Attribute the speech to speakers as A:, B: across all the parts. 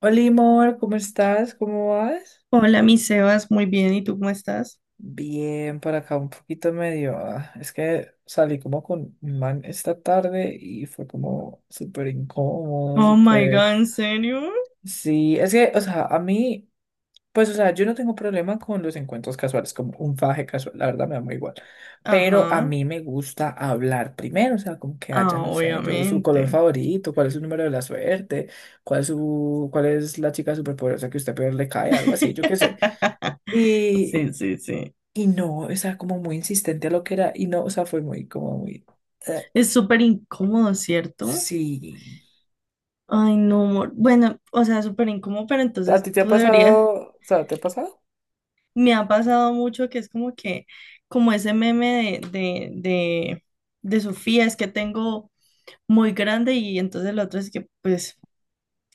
A: Hola, amor, ¿cómo estás? ¿Cómo vas?
B: Hola, mi Sebas, muy bien, ¿y tú cómo estás?
A: Bien, por acá un poquito medio. Es que salí como con un man esta tarde y fue como súper incómodo,
B: Oh my
A: súper.
B: God, ¿en serio?
A: Sí, es que, o sea, a mí, pues, o sea, yo no tengo problema con los encuentros casuales, como un faje casual, la verdad me da muy igual. Pero a
B: Ajá,
A: mí me gusta hablar primero, o sea, como que haya,
B: ah,
A: no sé, yo su color
B: obviamente.
A: favorito, cuál es su número de la suerte, cuál es su, cuál es la chica superpoderosa que usted peor le cae, algo así, yo qué sé. Y,
B: Sí, sí, sí.
A: y no, o sea, como muy insistente a lo que era, y no, o sea, fue muy, como muy, eh,
B: Es súper incómodo, ¿cierto?
A: sí.
B: Ay, no, amor. Bueno, o sea, súper incómodo, pero
A: ¿A
B: entonces
A: ti te ha
B: tú deberías.
A: pasado? O sea, ¿te ha pasado?
B: Me ha pasado mucho que es como que, como ese meme de Sofía, es que tengo muy grande y entonces el otro es que, pues,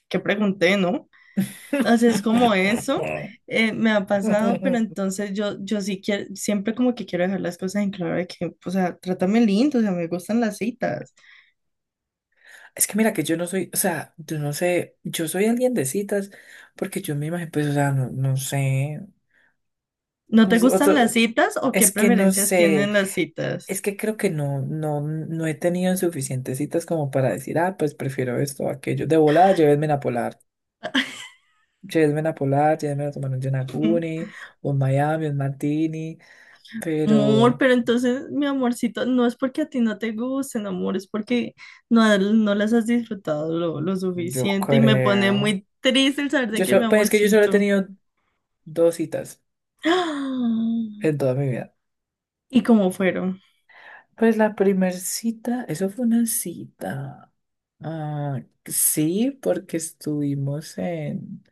B: que pregunté, ¿no? O sea, es como eso, me ha pasado, pero entonces yo sí quiero, siempre como que quiero dejar las cosas en claro de que, o sea, trátame lindo, o sea, me gustan las citas.
A: Es que mira que yo no soy, o sea, yo no sé, yo soy alguien de citas, porque yo me imagino, pues, o sea, no, no sé,
B: ¿No te
A: o sea,
B: gustan las citas o qué
A: es que no
B: preferencias
A: sé,
B: tienen las citas?
A: es que creo que no, no, no he tenido suficientes citas como para decir, ah, pues prefiero esto o aquello, de volada, llévenme a Polar. Cioè, es una polar, ya me lo tomaron un Yonaguni, un Miami, un Martini,
B: Amor,
A: pero
B: pero entonces, mi amorcito, no es porque a ti no te gusten, amor, es porque no, no las has disfrutado lo
A: yo
B: suficiente y me pone
A: creo.
B: muy triste el saber de que mi
A: Pues es que yo solo he
B: amorcito.
A: tenido dos citas en toda mi vida.
B: ¿Y cómo fueron?
A: Pues la primer cita, eso fue una cita. Ah, sí, porque estuvimos en,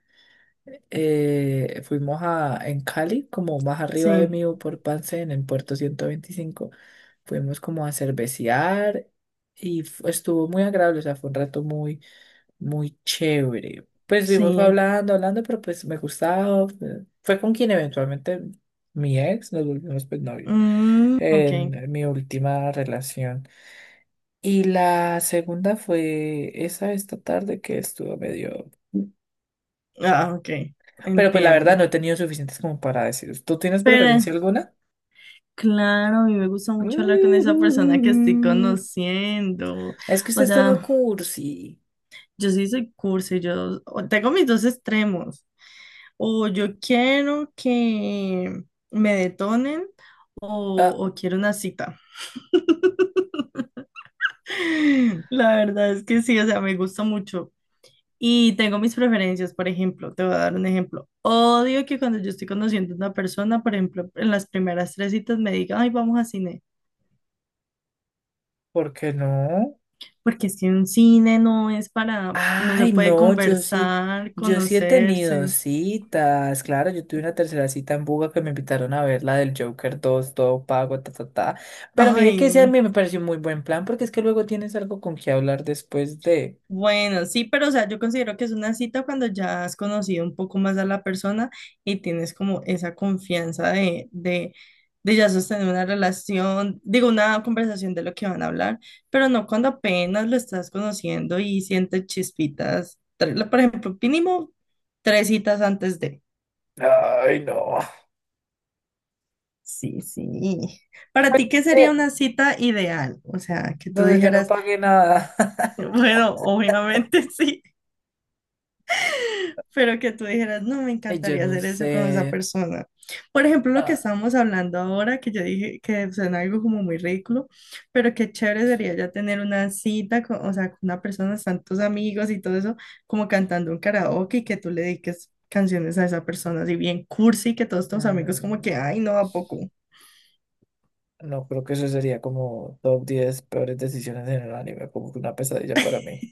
A: fuimos a, en Cali, como más arriba de
B: Sí,
A: mí, por Pansén, en Puerto 125. Fuimos como a cervecear y estuvo muy agradable, o sea, fue un rato muy muy chévere. Pues estuvimos
B: sí.
A: hablando, hablando, pero pues me gustaba. Fue con quien eventualmente mi ex, nos volvimos pues novios
B: Mm, ok.
A: en mi última relación. Y la segunda fue esa esta tarde que estuvo medio.
B: Ah, ok.
A: Pero pues la verdad
B: Entiendo.
A: no he tenido suficientes como para decir. ¿Tú tienes
B: Pero,
A: preferencia alguna?
B: claro, a mí me gusta mucho hablar con esa persona que estoy conociendo.
A: Es que
B: O
A: usted es todo
B: sea,
A: cursi.
B: yo sí soy cursi, tengo mis dos extremos. O yo quiero que me detonen
A: Ah,
B: o quiero una cita. La verdad es que sí, o sea, me gusta mucho. Y tengo mis preferencias, por ejemplo, te voy a dar un ejemplo. Odio que cuando yo estoy conociendo a una persona, por ejemplo, en las primeras tres citas me digan, ay, vamos a cine,
A: ¿por qué no?
B: porque es que un cine no es para, no se
A: Ay,
B: puede
A: no, yo sí,
B: conversar,
A: yo sí he tenido
B: conocerse.
A: citas, claro, yo tuve una tercera cita en Buga que me invitaron a ver la del Joker 2, todo pago, ta, ta, ta, pero
B: Ay,
A: mire que ese a mí me pareció un muy buen plan, porque es que luego tienes algo con qué hablar después de.
B: bueno, sí, pero o sea, yo considero que es una cita cuando ya has conocido un poco más a la persona y tienes como esa confianza de ya sostener una relación, digo, una conversación de lo que van a hablar, pero no cuando apenas lo estás conociendo y sientes chispitas, por ejemplo, mínimo tres citas antes de.
A: Ay, no.
B: Sí, sí. Para
A: Pues
B: ti, ¿qué
A: es
B: sería
A: que
B: una cita ideal? O sea, que tú
A: donde yo no
B: dijeras,
A: pagué nada.
B: bueno, obviamente sí. Pero que tú dijeras, no, me
A: Ay, yo
B: encantaría
A: no
B: hacer eso con esa
A: sé.
B: persona. Por ejemplo, lo que
A: Ah,
B: estábamos hablando ahora, que yo dije que suena algo como muy ridículo, pero qué chévere sería ya tener una cita, con, o sea, con una persona, están tus amigos y todo eso, como cantando un karaoke y que tú le dediques canciones a esa persona, así bien cursi, que todos tus amigos como que,
A: mm,
B: ay, no, ¿a poco?
A: no, creo que eso sería como top 10 peores decisiones en el anime, como que una pesadilla para mí.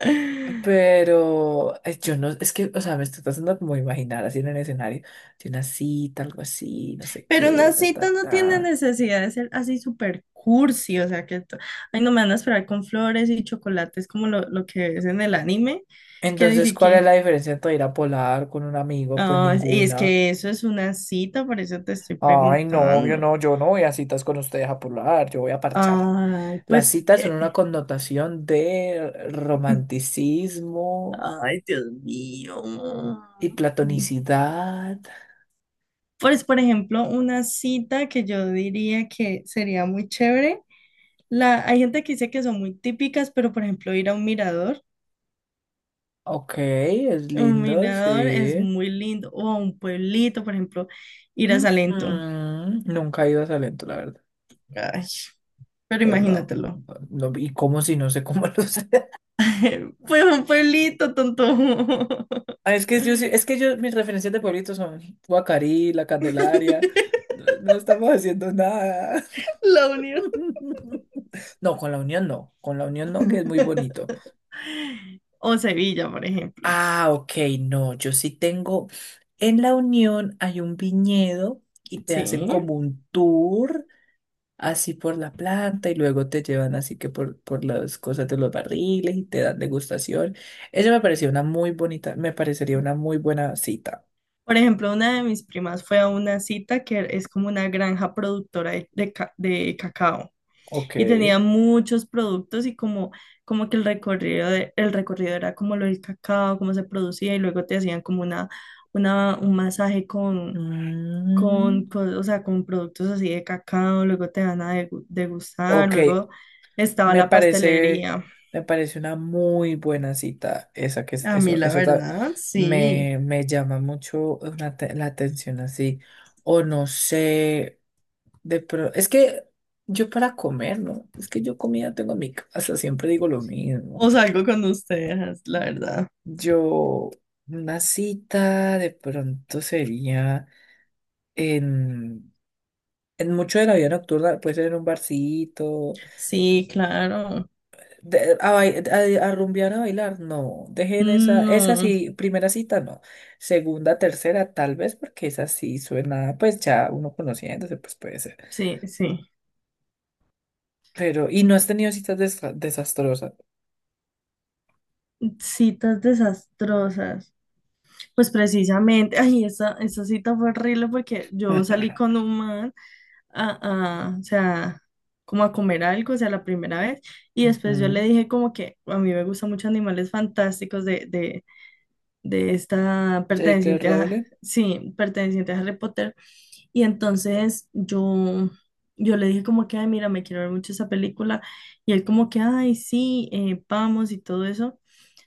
A: Pero yo no, es que, o sea, me estoy tratando como de imaginar así en el escenario de una cita, algo así, no sé
B: Pero
A: qué,
B: las
A: ta, ta,
B: citas no tiene
A: ta.
B: necesidad de ser así súper cursi, o sea que, ay, no me van a esperar con flores y chocolates como lo que ves en el anime, que ni
A: Entonces, ¿cuál es la
B: siquiera,
A: diferencia entre ir a polar con un amigo? Pues
B: ah, y es
A: ninguna.
B: que eso es una cita, por eso te estoy
A: Ay, no, obvio,
B: preguntando.
A: no, yo no voy a citas con ustedes a polar, yo voy a parchar.
B: Ay,
A: Las
B: pues,
A: citas son una connotación de romanticismo
B: ay, Dios mío.
A: y platonicidad.
B: Pues, por ejemplo, una cita que yo diría que sería muy chévere. La, hay gente que dice que son muy típicas, pero por ejemplo, ir a un mirador.
A: Ok, es
B: Un
A: lindo,
B: mirador es
A: sí.
B: muy lindo. O un pueblito, por ejemplo, ir a Salento.
A: Ujú, nunca he ido a Salento, la verdad.
B: Ay, pero
A: Pues no,
B: imagínatelo.
A: no, ¿y cómo si no sé cómo lo sé?
B: Pues un pueblito, tonto.
A: Ah, es que yo, es que yo, mis referencias de pueblitos son Guacarí, La Candelaria, no, no estamos haciendo nada.
B: La Unión.
A: No, con la Unión no, con la Unión no, que es muy bonito.
B: O Sevilla, por ejemplo.
A: Ah, ok, no, yo sí tengo, en la Unión hay un viñedo y te hacen
B: Sí.
A: como un tour así por la planta y luego te llevan así que por las cosas de los barriles y te dan degustación. Eso me pareció una muy bonita, me parecería una muy buena cita.
B: Por ejemplo, una de mis primas fue a una cita que es como una granja productora de cacao.
A: Ok.
B: Y tenía muchos productos y como, como que el recorrido, el recorrido era como lo del cacao, cómo se producía y luego te hacían como un masaje
A: Mm,
B: o sea, con productos así de cacao, luego te van a degustar,
A: ok,
B: luego estaba
A: me
B: la
A: parece,
B: pastelería.
A: me parece una muy buena cita esa que es,
B: A mí
A: eso,
B: la verdad, sí.
A: me, me llama mucho la atención así. O no sé, es que yo para comer, ¿no? Es que yo comida tengo en mi casa, siempre digo lo mismo.
B: O salgo con ustedes, la verdad.
A: Yo, una cita de pronto sería en, en mucho de la vida nocturna, puede ser en un barcito,
B: Sí, claro.
A: de- a, bai- a rumbear, a bailar, no, dejen esa, esa
B: No,
A: sí, primera cita no, segunda, tercera tal vez, porque esa sí suena, pues ya uno conociéndose, pues puede ser,
B: sí, sí.
A: pero, y no has tenido citas desastrosas.
B: Citas desastrosas. Pues precisamente, ay, esa cita fue horrible porque yo salí con un man o sea, como a comer algo, o sea, la primera vez, y después yo le
A: Ujú.
B: dije como que a mí me gustan mucho Animales Fantásticos de esta
A: J.K.
B: perteneciente a,
A: Rowling,
B: sí, perteneciente a Harry Potter, y entonces yo le dije como que, ay, mira, me quiero ver mucho esa película, y él como que, ay, sí, vamos y todo eso.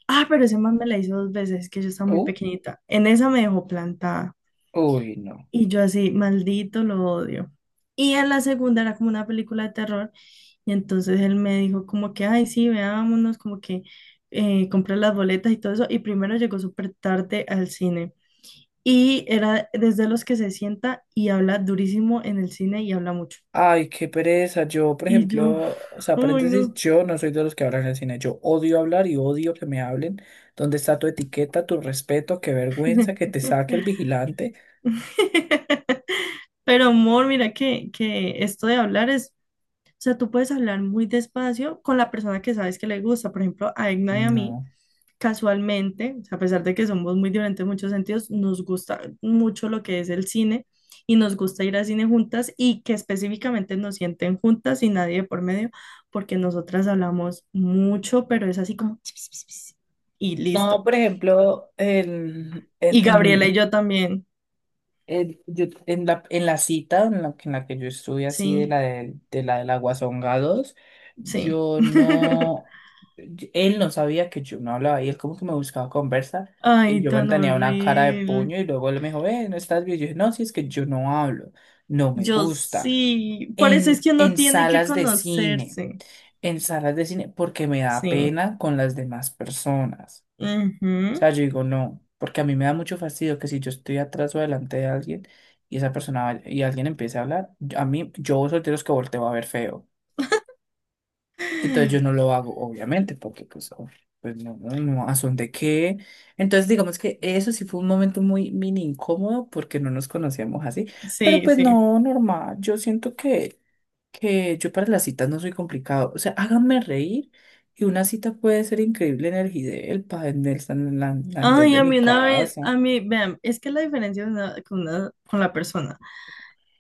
B: Ah, pero ese man me la hizo dos veces, que yo estaba muy
A: oh,
B: pequeñita. En esa me dejó plantada.
A: uy, no.
B: Y yo así, maldito, lo odio. Y en la segunda era como una película de terror. Y entonces él me dijo como que, ay, sí, veámonos, como que compré las boletas y todo eso. Y primero llegó súper tarde al cine. Y era desde los que se sienta y habla durísimo en el cine y habla mucho.
A: Ay, qué pereza. Yo, por
B: Y yo,
A: ejemplo, o sea,
B: uy,
A: paréntesis,
B: no.
A: yo no soy de los que hablan en el cine. Yo odio hablar y odio que me hablen. ¿Dónde está tu etiqueta, tu respeto? Qué vergüenza que te saque el vigilante.
B: Pero amor, mira que esto de hablar es, o sea, tú puedes hablar muy despacio con la persona que sabes que le gusta. Por ejemplo, a Egna y a mí,
A: No.
B: casualmente, o sea, a pesar de que somos muy diferentes en muchos sentidos, nos gusta mucho lo que es el cine y nos gusta ir al cine juntas y que específicamente nos sienten juntas y nadie de por medio, porque nosotras hablamos mucho, pero es así como y
A: No,
B: listo.
A: por ejemplo,
B: Y Gabriela y yo también.
A: En la cita que en la que yo estuve así de
B: Sí,
A: la la del Aguasonga 2,
B: sí.
A: yo no, él no sabía que yo no hablaba y él como que me buscaba conversa y
B: Ay,
A: yo
B: tan
A: mantenía una cara de
B: horrible.
A: puño y luego él me dijo, no estás bien. Yo dije, no, si es que yo no hablo, no me
B: Yo
A: gusta.
B: sí, por eso es
A: En,
B: que uno
A: en
B: tiene que
A: salas de cine,
B: conocerse,
A: en salas de cine, porque me da
B: sí.
A: pena con las demás personas. O
B: Ujú.
A: sea, yo digo, no, porque a mí me da mucho fastidio que si yo estoy atrás o delante de alguien y esa persona y alguien empiece a hablar, a mí, yo soy de los que volteo a ver feo. Entonces yo no lo hago, obviamente, porque pues, uf, pues no, no, no, ¿a son de qué? Entonces digamos que eso sí fue un momento muy mini incómodo porque no nos conocíamos así, pero
B: Sí,
A: pues
B: sí.
A: no, normal, yo siento que yo para las citas no soy complicado. O sea, háganme reír. Y una cita puede ser increíble en el Gidel, en el San Andrés
B: Ay,
A: de
B: a
A: mi
B: mí una vez,
A: casa.
B: a mí, vean, es que la diferencia de con la persona.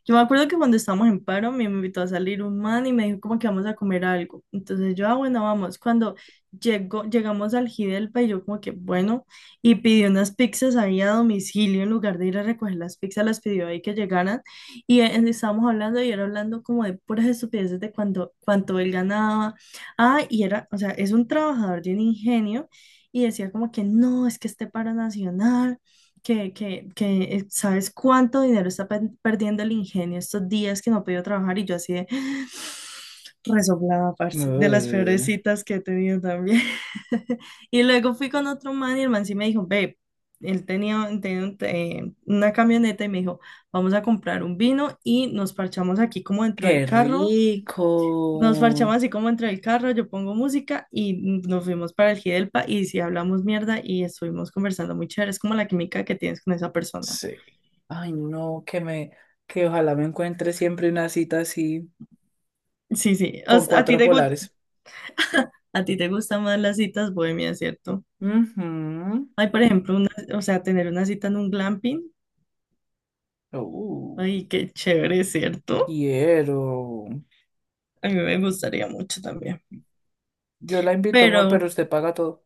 B: Yo me acuerdo que cuando estábamos en paro, me invitó a salir un man y me dijo como que vamos a comer algo. Entonces yo, ah, bueno, vamos. Cuando llegó, llegamos al Gidelpa y yo como que, bueno, y pidió unas pizzas ahí a domicilio en lugar de ir a recoger las pizzas, las pidió ahí que llegaran. Y estábamos hablando y era hablando como de puras estupideces de cuánto él ganaba. Ah, y era, o sea, es un trabajador de un ingenio. Y decía como que no, es que este paro nacional que sabes cuánto dinero está perdiendo el ingenio estos días que no ha podido trabajar y yo así de resoplada, parce, de las peores
A: Ugh,
B: citas que he tenido también. Y luego fui con otro man y el man sí me dijo, ve, él tenía una camioneta y me dijo, vamos a comprar un vino y nos parchamos aquí como dentro del
A: qué
B: carro, nos
A: rico.
B: parchamos así como entre el carro, yo pongo música y nos fuimos para el Gidelpa y sí hablamos mierda y estuvimos conversando muy chévere. Es como la química que tienes con esa persona.
A: Sí. Ay, no, que ojalá me encuentre siempre una cita así
B: Sí, sí. O
A: con
B: sea,
A: cuatro polares.
B: a ti te gustan más las citas bohemias, ¿cierto?
A: Ujú,
B: Ay, por ejemplo, una, o sea, tener una cita en un glamping.
A: uh,
B: Ay, qué chévere, ¿cierto?
A: quiero.
B: A mí me gustaría mucho también.
A: Yo la invito, amor, pero
B: Pero
A: usted paga todo.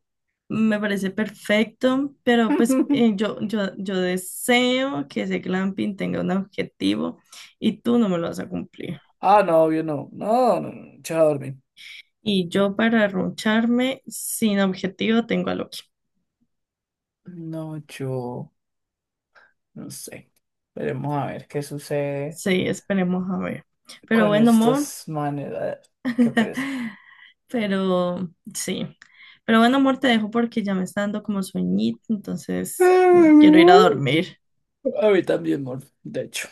B: me parece perfecto, pero pues yo deseo que ese glamping tenga un objetivo y tú no me lo vas a cumplir.
A: Ah, no, yo no. No, no, no, yo a dormir.
B: Y yo para roncharme sin objetivo tengo a Loki.
A: No, yo no sé. Veremos a ver qué sucede
B: Sí, esperemos a ver. Pero
A: con
B: bueno, amor.
A: estos manes. Ah, qué pereza.
B: Pero sí. Pero bueno, amor, te dejo porque ya me está dando como sueñito, entonces quiero ir a dormir.
A: A mí también, amor, de hecho.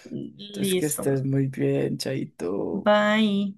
A: Entonces, que
B: Listo.
A: estés muy bien, chaito.
B: Bye.